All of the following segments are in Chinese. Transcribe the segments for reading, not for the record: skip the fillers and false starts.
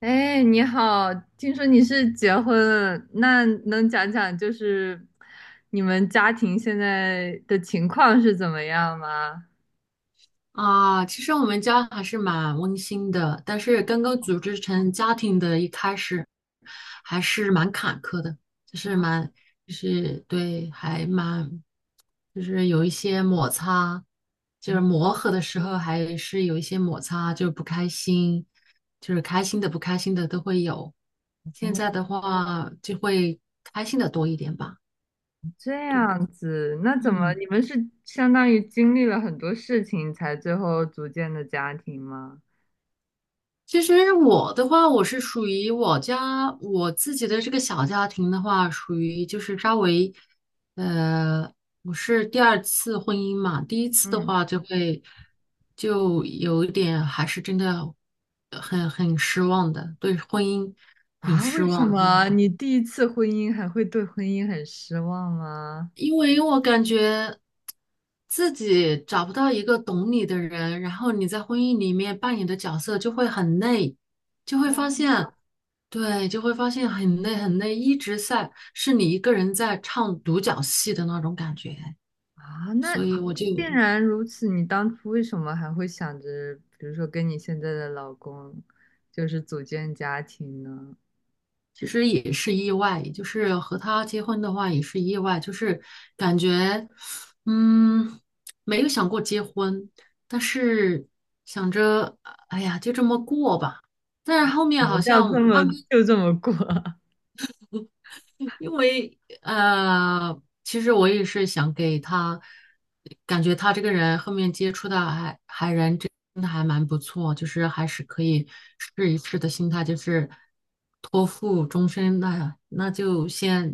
哎，你好，听说你是结婚了，那能讲讲你们家庭现在的情况是怎么样吗？啊，其实我们家还是蛮温馨的，但是刚刚组织成家庭的一开始还是蛮坎坷的，就是蛮，就是对，就是有一些摩擦，就是磨合的时候还是有一些摩擦，就是不开心，就是开心的不开心的都会有。现在哦，的话就会开心的多一点吧，这对，样子，那怎么嗯。你们是相当于经历了很多事情才最后组建的家庭吗？其实我的话，我是属于我家我自己的这个小家庭的话，属于就是稍微，呃，我是第二次婚姻嘛。第一次的嗯。话就有一点还是真的很失望的，对婚姻很啊，失为什望的那么种。你第一次婚姻还会对婚姻很失望吗？因为我感觉自己找不到一个懂你的人，然后你在婚姻里面扮演的角色就会很累，就会发现，对，就会发现很累很累，一直在是你一个人在唱独角戏的那种感觉，啊，那所以我就既然如此，你当初为什么还会想着，比如说跟你现在的老公，组建家庭呢？其实也是意外，就是和他结婚的话也是意外，就是感觉，嗯，没有想过结婚，但是想着，哎呀，就这么过吧。但是后你面们好叫像这么慢慢就这么过啊？因为其实我也是想给他，感觉他这个人后面接触的还人真的还蛮不错，就是还是可以试一试的心态，就是托付终身，那就先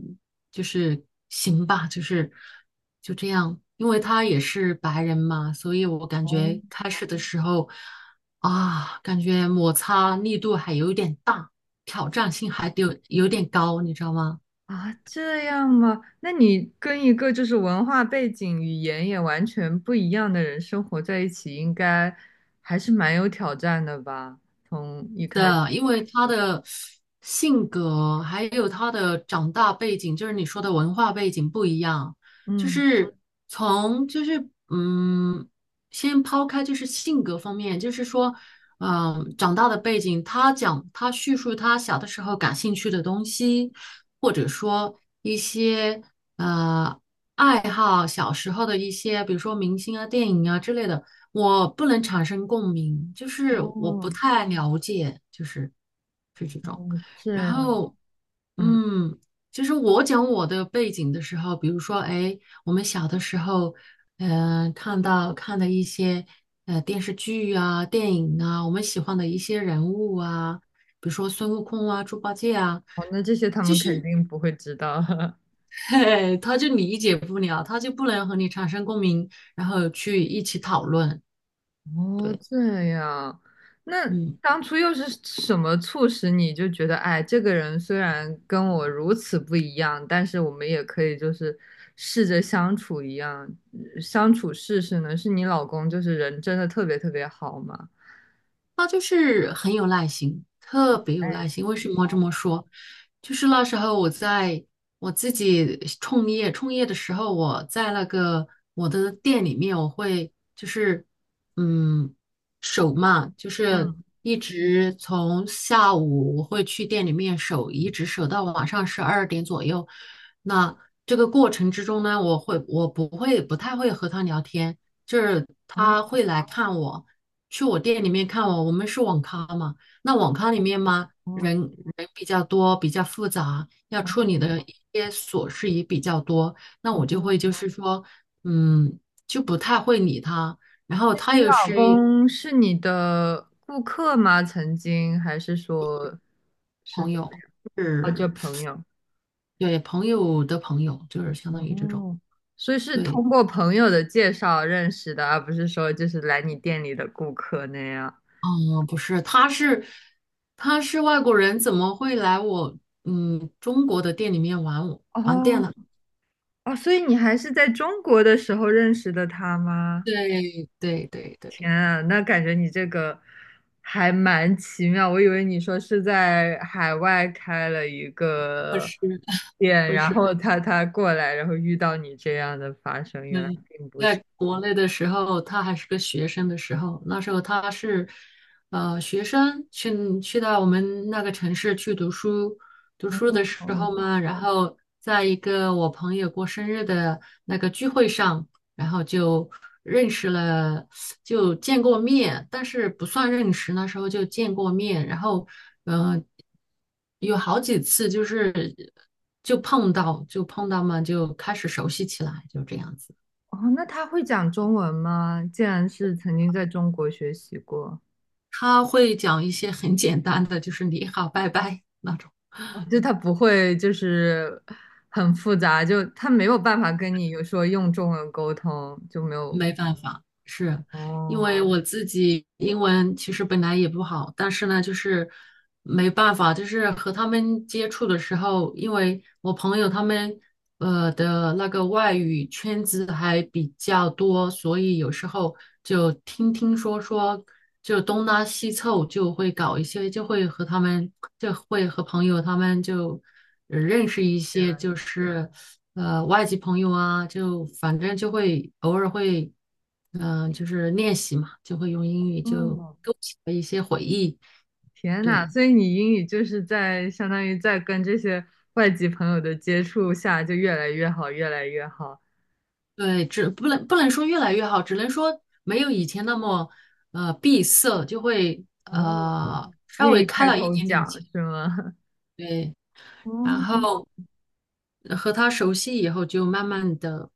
就是行吧，就这样，因为他也是白人嘛，所以我感哦。觉开始的时候啊，感觉摩擦力度还有点大，挑战性还有点高，你知道吗？啊，这样吗？那你跟一个文化背景、语言也完全不一样的人生活在一起，应该还是蛮有挑战的吧？从一开始，的，因为他的性格还有他的长大背景，就是你说的文化背景不一样，就嗯。是从就是先抛开就是性格方面，就是说，长大的背景，他叙述他小的时候感兴趣的东西，或者说一些。呃。爱好，小时候的一些，比如说明星啊、电影啊之类的，我不能产生共鸣，就是我哦。不太了解，是这种。哦，这然样。后，嗯。嗯，就是我讲我的背景的时候，比如说，哎，我们小的时候，看的一些电视剧啊、电影啊，我们喜欢的一些人物啊，比如说孙悟空啊、猪八戒啊。哦，那这些他们肯定不会知道。嘿，他就理解不了，他就不能和你产生共鸣，然后去一起讨论。哦，对，这样。那嗯。当初又是什么促使你就觉得，哎，这个人虽然跟我如此不一样，但是我们也可以试着相处一样，相处试试呢？是你老公人真的特别特别好吗？他就是很有耐心，特别有哎。耐心。为什么这么哦。说？就是那时候我自己创业，创业的时候，我在那个我的店里面，我会就是嗯守嘛，就是嗯。一直从下午我会去店里面守，一直守到晚上12点左右。那这个过程之中呢，我会我不会不太会和他聊天，就是哦，他会来看我。去我店里面看我，我们是网咖嘛，那网咖里面嘛，人比较多，比较复杂，要处理的一些琐事也比较多，那我就会就是说，嗯，就不太会理他。然后他你又老是公是你的顾客吗？曾经还是说是朋怎么友，样？哦，就是朋友。对朋友的朋友，就是相当于这种。哦，所以是对，通过朋友的介绍认识的，而不是说来你店里的顾客那样。嗯，不是，他是外国人，怎么会来我中国的店里面玩玩店哦。呢？哦，所以你还是在中国的时候认识的他吗？对对对对，天啊，那感觉你这个还蛮奇妙。我以为你说是在海外开了一个是店，不然是？后他过来，然后遇到你这样的发生，原来。嗯，在国内的时候，他还是个学生的时候，那时候他是，学生去到我们那个城市去读书，读书的时哦。候嘛，然后在一个我朋友过生日的那个聚会上，然后就认识了，就见过面，但是不算认识，那时候就见过面，然后，嗯、有好几次就碰到，嘛，就开始熟悉起来，就这样子。哦，那他会讲中文吗？既然是曾经在中国学习过。他会讲一些很简单的，就是你好，拜拜那种，就他不会很复杂，就他没有办法跟你有说用中文沟通，就没有。没办法，是。因为哦，我自己英文其实本来也不好，但是呢，就是没办法，就是和他们接触的时候，因为我朋友他们的那个外语圈子还比较多，所以有时候就听听说说，就东拉西凑，就会搞一些，就会和朋友他们就认识一原些，来。就是外籍朋友啊，就反正就会偶尔会。就是练习嘛，就会用英语就哦，勾起了一些回忆。天对呐，所以你英语就是在相当于在跟这些外籍朋友的接触下就越来越好，越来越好。对，只不能说越来越好，只能说没有以前那么闭塞，就会哦，稍愿微意开开了一口点点讲窍。是吗？对，然哦，后和他熟悉以后，就慢慢的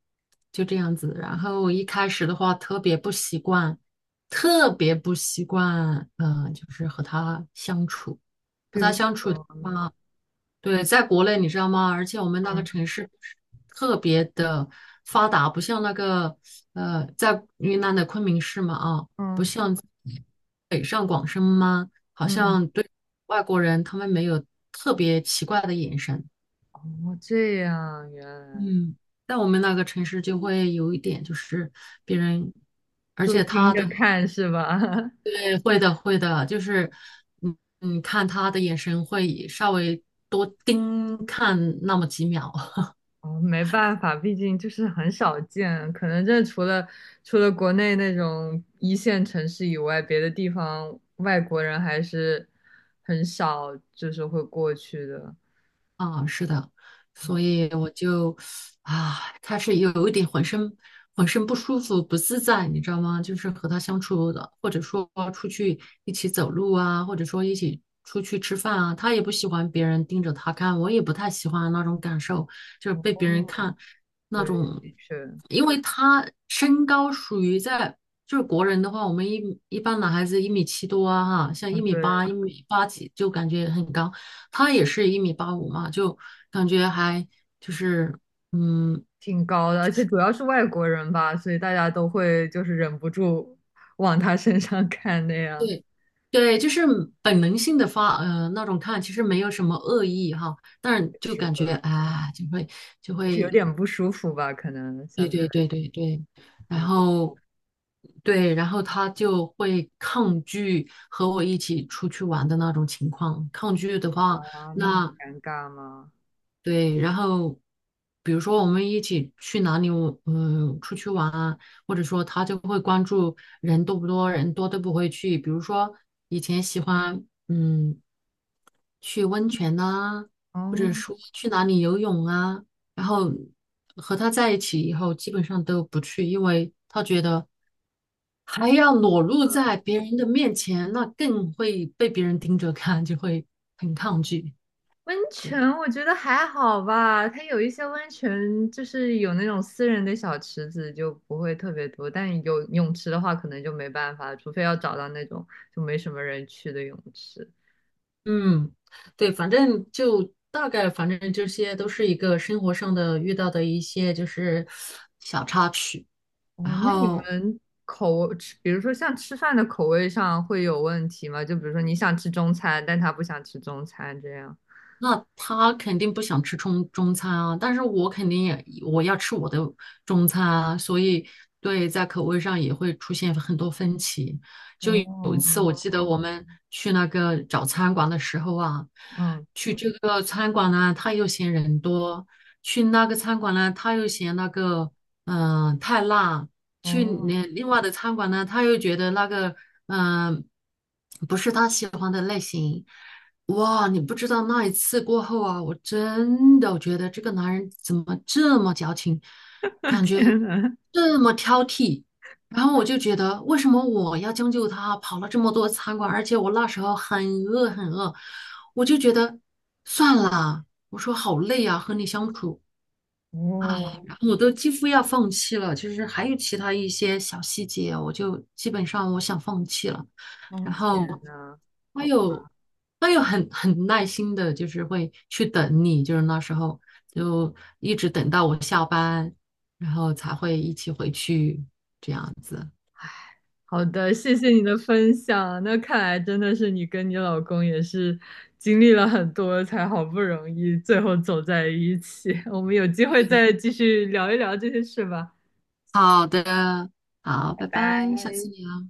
就这样子。然后一开始的话，特别不习惯，特别不习惯，就是和他相处，比和他如相处的说呢？话。对，在国内你知道吗？而且我们那个嗯。城市特别的发达，不像那个在云南的昆明市嘛啊，不嗯。像北上广深吗？好嗯。像对外国人他们没有特别奇怪的眼神。哦，这样，原来嗯，在我们那个城市就会有一点，就是别人，而就且盯他的着看是吧？对，会的会的，就是嗯看他的眼神会稍微多盯看那么几秒。哦，没办法，毕竟就是很少见，可能这除了国内那种一线城市以外，别的地方外国人还是很少，就是会过去的。啊，是的，所以我就啊，开始有一点浑身不舒服、不自在，你知道吗？就是和他相处的，或者说出去一起走路啊，或者说一起出去吃饭啊，他也不喜欢别人盯着他看，我也不太喜欢那种感受，就是被别人哦。看。那对，种，的确。因为他身高属于在就是国人的话，我们一般男孩子一米七多啊，哈，像嗯。一米对，八、一米八几就感觉很高，他也是一米八五嘛，就感觉还就是嗯，挺高的，而且主要是外国人吧，所以大家都会就是忍不住往他身上看那样。对对，就是本能性的发那种看，其实没有什么恶意哈，但是 就是感觉的，啊，就会就是有会点不舒服吧？可能对想着，对对对对，然后对，然后他就会抗拒和我一起出去玩的那种情况。抗拒的话，哇，那么那尴尬吗？对，然后比如说我们一起去哪里，出去玩啊，或者说他就会关注人多不多，人多都不会去。比如说以前喜欢，嗯。去温泉呐、或者哦。说去哪里游泳啊，然后和他在一起以后，基本上都不去，因为他觉得还要裸露在别人的面前，那更会被别人盯着看，就会很抗拒。温对，泉我觉得还好吧，它有一些温泉就是有那种私人的小池子，就不会特别多。但有泳池的话，可能就没办法了，除非要找到那种就没什么人去的泳池。嗯，对，反正就大概，反正这些都是一个生活上的遇到的一些就是小插曲，然哦，那你后。们口吃，比如说像吃饭的口味上会有问题吗？就比如说你想吃中餐，但他不想吃中餐这样。那他肯定不想吃中餐啊，但是我肯定也我要吃我的中餐啊，所以对，在口味上也会出现很多分歧。就有一哦。次，我记得我们去那个找餐馆的时候啊，嗯。去这个餐馆呢，他又嫌人多；去那个餐馆呢，他又嫌那个太辣；去哦。另外的餐馆呢，他又觉得那个嗯、呃不是他喜欢的类型。哇，你不知道那一次过后啊，我真的觉得这个男人怎么这么矫情，感觉天呐。这么挑剔。然后我就觉得，为什么我要将就他？跑了这么多餐馆，而且我那时候很饿很饿，我就觉得算了。我说好累啊，和你相处。啊，哦。然后我都几乎要放弃了，就是还有其他一些小细节，我就基本上我想放弃了。哦，然天后呐。他又他又很耐心的，就是会去等你，就是那时候就一直等到我下班，然后才会一起回去这样子。好的，谢谢你的分享。那看来真的是你跟你老公也是经历了很多，才好不容易最后走在一起。我们有机会再继续聊一聊这些事吧。好的，好，拜拜，下次聊。